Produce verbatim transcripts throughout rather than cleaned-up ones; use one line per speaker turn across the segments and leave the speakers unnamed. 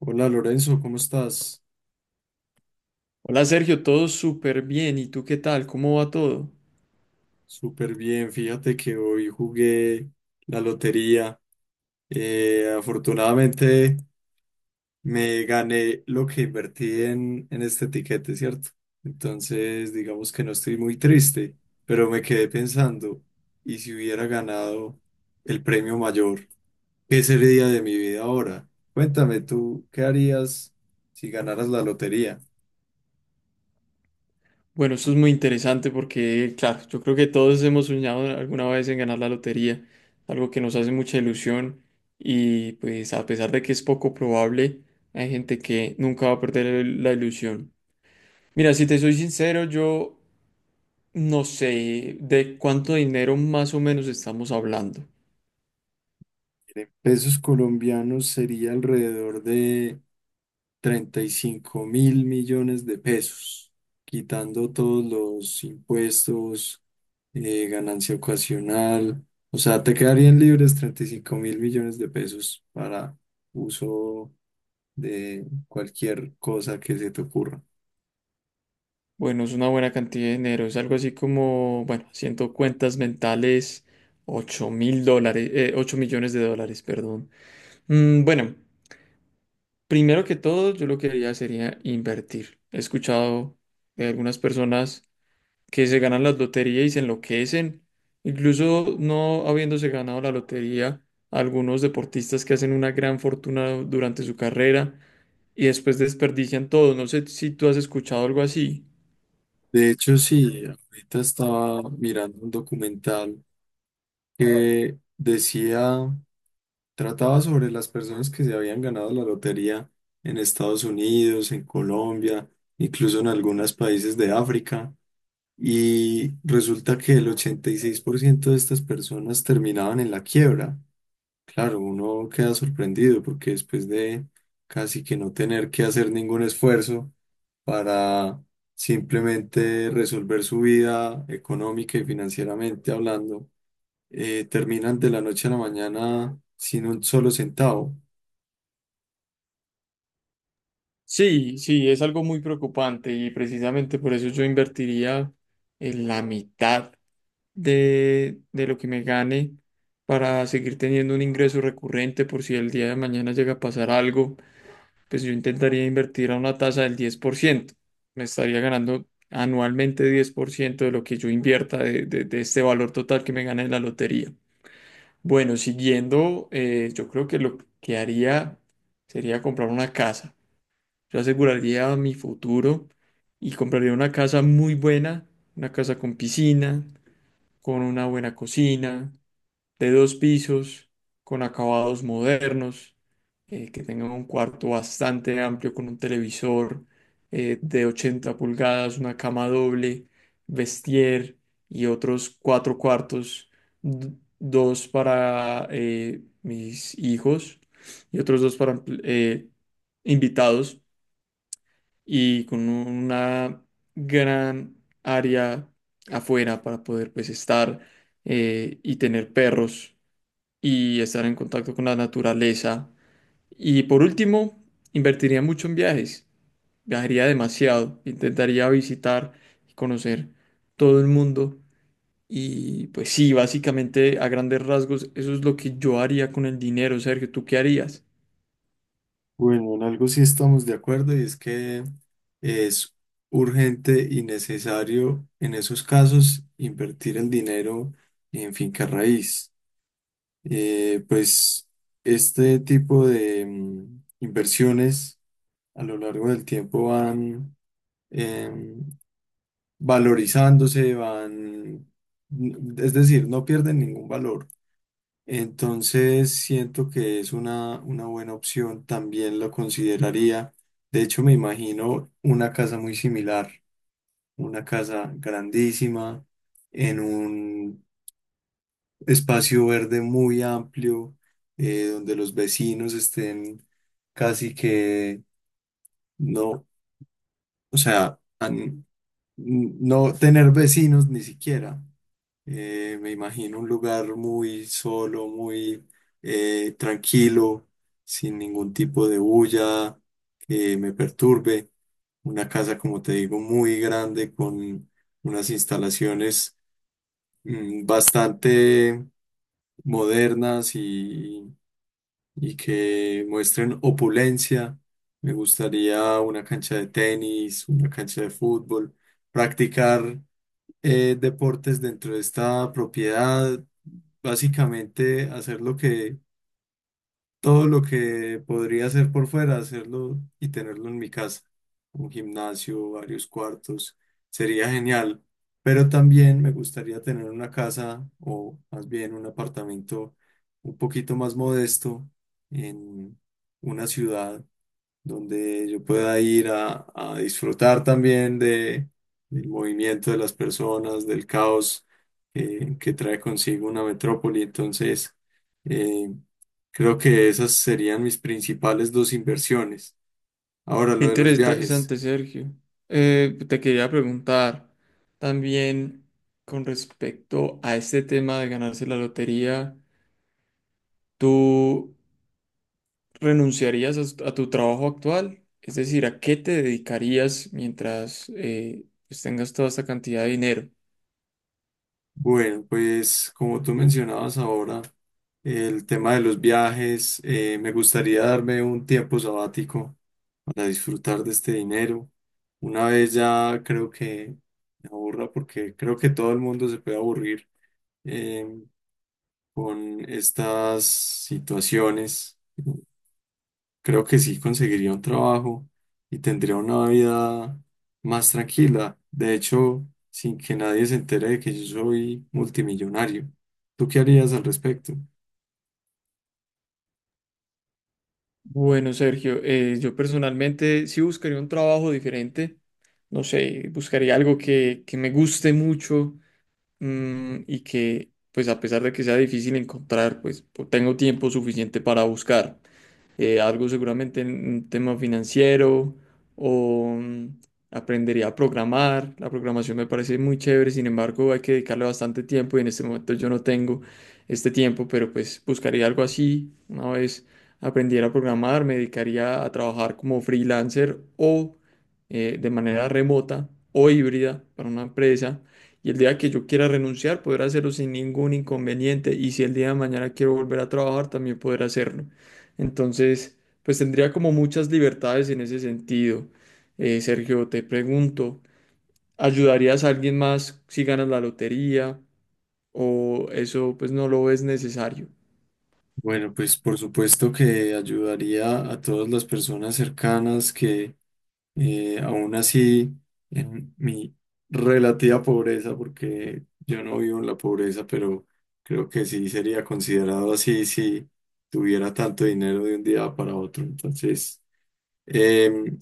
Hola Lorenzo, ¿cómo estás?
Hola Sergio, todo súper bien. ¿Y tú qué tal? ¿Cómo va todo?
Súper bien, fíjate que hoy jugué la lotería. Eh, afortunadamente me gané lo que invertí en, en este tiquete, ¿cierto? Entonces, digamos que no estoy muy triste, pero me quedé pensando, ¿y si hubiera ganado el premio mayor? ¿Qué sería de mi vida ahora? Cuéntame tú, ¿qué harías si ganaras la lotería?
Bueno, eso es muy interesante porque, claro, yo creo que todos hemos soñado alguna vez en ganar la lotería, algo que nos hace mucha ilusión y pues a pesar de que es poco probable, hay gente que nunca va a perder el- la ilusión. Mira, si te soy sincero, yo no sé de cuánto dinero más o menos estamos hablando.
En pesos colombianos sería alrededor de treinta y cinco mil millones de pesos, quitando todos los impuestos, eh, ganancia ocasional. O sea, te quedarían libres treinta y cinco mil millones de pesos para uso de cualquier cosa que se te ocurra.
Bueno, es una buena cantidad de dinero. Es algo así como, bueno, haciendo cuentas mentales, ocho mil dólares, eh, ocho millones de dólares, perdón. Mm, bueno, Primero que todo, yo lo que haría sería invertir. He escuchado de algunas personas que se ganan las loterías y se enloquecen. Incluso no habiéndose ganado la lotería, algunos deportistas que hacen una gran fortuna durante su carrera y después desperdician todo. No sé si tú has escuchado algo así.
De hecho, sí, ahorita estaba mirando un documental que decía Trataba sobre las personas que se habían ganado la lotería en Estados Unidos, en Colombia, incluso en algunos países de África. Y resulta que el ochenta y seis por ciento de estas personas terminaban en la quiebra. Claro, uno queda sorprendido porque después de casi que no tener que hacer ningún esfuerzo para simplemente resolver su vida económica y financieramente hablando, eh, terminan de la noche a la mañana sin un solo centavo.
Sí, sí, es algo muy preocupante y precisamente por eso yo invertiría en la mitad de, de lo que me gane para seguir teniendo un ingreso recurrente por si el día de mañana llega a pasar algo, pues yo intentaría invertir a una tasa del diez por ciento. Me estaría ganando anualmente diez por ciento de lo que yo invierta de, de- de este valor total que me gane en la lotería. Bueno, siguiendo, eh, yo creo que lo que haría sería comprar una casa. Yo aseguraría mi futuro y compraría una casa muy buena, una casa con piscina, con una buena cocina, de dos pisos, con acabados modernos, eh, que tenga un cuarto bastante amplio con un televisor eh, de ochenta pulgadas, una cama doble, vestier y otros cuatro cuartos, d- dos para eh, mis hijos y otros dos para eh, invitados y con una gran área afuera para poder pues estar eh, y tener perros y estar en contacto con la naturaleza. Y por último, invertiría mucho en viajes, viajaría demasiado, intentaría visitar y conocer todo el mundo. Y pues sí, básicamente a grandes rasgos, eso es lo que yo haría con el dinero, Sergio, ¿tú qué harías?
Bueno, en algo sí estamos de acuerdo y es que es urgente y necesario en esos casos invertir el dinero en finca raíz. Eh, pues este tipo de mm, inversiones a lo largo del tiempo van em, valorizándose, van, mm, es decir, no pierden ningún valor. Entonces siento que es una, una buena opción, también lo consideraría. De hecho, me imagino una casa muy similar, una casa grandísima en un espacio verde muy amplio, eh, donde los vecinos estén casi que no, o sea, an- no tener vecinos ni siquiera. Eh, me imagino un lugar muy solo, muy eh, tranquilo, sin ningún tipo de bulla que me perturbe. Una casa, como te digo, muy grande con unas instalaciones mm, bastante modernas y que muestren opulencia. Me gustaría una cancha de tenis, una cancha de fútbol, practicar eh, deportes dentro de esta propiedad, básicamente hacer lo que todo lo que podría hacer por fuera, hacerlo y tenerlo en mi casa. Un gimnasio, varios cuartos, sería genial. Pero también me gustaría tener una casa o más bien un apartamento un poquito más modesto en una ciudad donde yo pueda ir a, a disfrutar también de, del movimiento de las personas, del caos eh, que trae consigo una metrópoli. Entonces, eh, creo que esas serían mis principales dos inversiones. Ahora,
Qué
lo de los viajes.
Interesante, Sergio. Eh, te quería preguntar también con respecto a este tema de ganarse la lotería, ¿tú renunciarías a, s- a tu trabajo actual? Es decir, ¿a qué te dedicarías mientras eh, pues tengas toda esta cantidad de dinero?
Bueno, pues como tú mencionabas ahora, el tema de los viajes, eh, me gustaría darme un tiempo sabático para disfrutar de este dinero. Una vez ya creo que me aburra porque creo que todo el mundo se puede aburrir eh, con estas situaciones creo que sí conseguiría un trabajo y tendría una vida más tranquila. De hecho, sin que nadie se entere de que yo soy multimillonario. ¿Tú qué harías al respecto?
Bueno, Sergio, eh, yo personalmente sí buscaría un trabajo diferente. No sé, buscaría algo que, que me guste mucho, mm, y que pues a pesar de que sea difícil encontrar, pues po- tengo tiempo suficiente para buscar eh, algo seguramente en un tema financiero o mm, aprendería a programar. La programación me parece muy chévere, sin embargo hay que dedicarle bastante tiempo y en este momento yo no tengo este tiempo, pero pues buscaría algo así. Una vez aprendiera a programar, me dedicaría a trabajar como freelancer o eh, de manera remota o híbrida para una empresa. Y el día que yo quiera renunciar, poder hacerlo sin ningún inconveniente. Y si el día de mañana quiero volver a trabajar, también poder hacerlo. Entonces, pues tendría como muchas libertades en ese sentido. Eh, Sergio, te pregunto, ¿ayudarías a alguien más si ganas la lotería? ¿O eso pues no lo ves necesario?
Bueno, pues por supuesto que ayudaría a todas las personas cercanas que eh, aún así en mi relativa pobreza, porque yo no vivo en la pobreza, pero creo que sí sería considerado así si tuviera tanto dinero de un día para otro. Entonces... Em,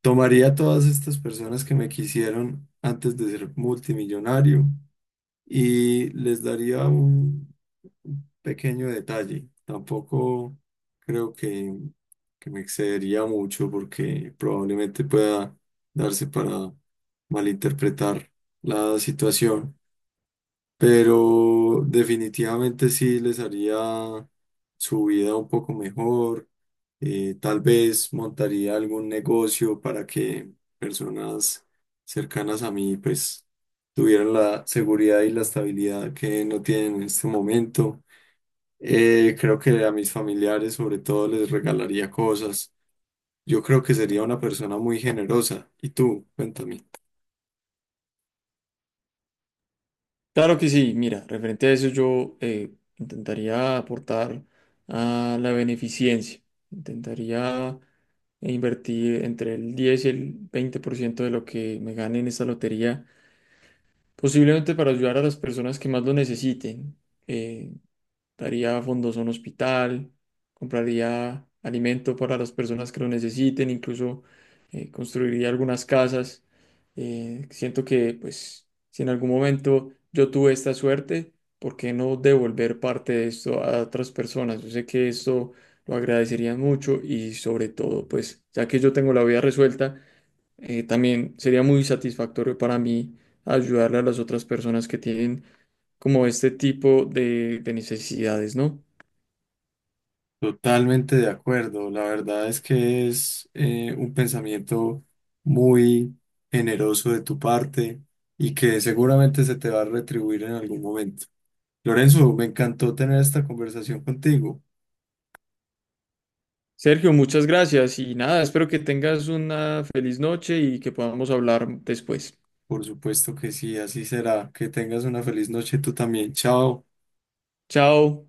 Tomaría a todas estas personas que me quisieron antes de ser multimillonario y les daría un pequeño detalle. Tampoco creo que, que me excedería mucho porque probablemente pueda darse para malinterpretar la situación, pero definitivamente sí les haría su vida un poco mejor. Eh, tal vez montaría algún negocio para que personas cercanas a mí pues tuvieran la seguridad y la estabilidad que no tienen en este momento. Eh, creo que a mis familiares sobre todo les regalaría cosas. Yo creo que sería una persona muy generosa. ¿Y tú? Cuéntame.
Claro que sí, mira, referente a eso yo, eh, intentaría aportar a la beneficencia. Intentaría invertir entre el diez y el veinte por ciento de lo que me gane en esta lotería, posiblemente para ayudar a las personas que más lo necesiten. Eh, Daría fondos a un hospital, compraría alimento para las personas que lo necesiten, incluso eh, construiría algunas casas. Eh, siento que, pues, si en algún momento yo tuve esta suerte, ¿por qué no devolver parte de esto a otras personas? Yo sé que esto lo agradecerían mucho y sobre todo, pues, ya que yo tengo la vida resuelta, eh, también sería muy satisfactorio para mí ayudarle a las otras personas que tienen como este tipo de, de necesidades, ¿no?
Totalmente de acuerdo. La verdad es que es eh, un pensamiento muy generoso de tu parte y que seguramente se te va a retribuir en algún momento. Lorenzo, me encantó tener esta conversación contigo.
Sergio, muchas gracias y nada, espero que tengas una feliz noche y que podamos hablar después.
Por supuesto que sí, así será. Que tengas una feliz noche tú también. Chao.
Chao.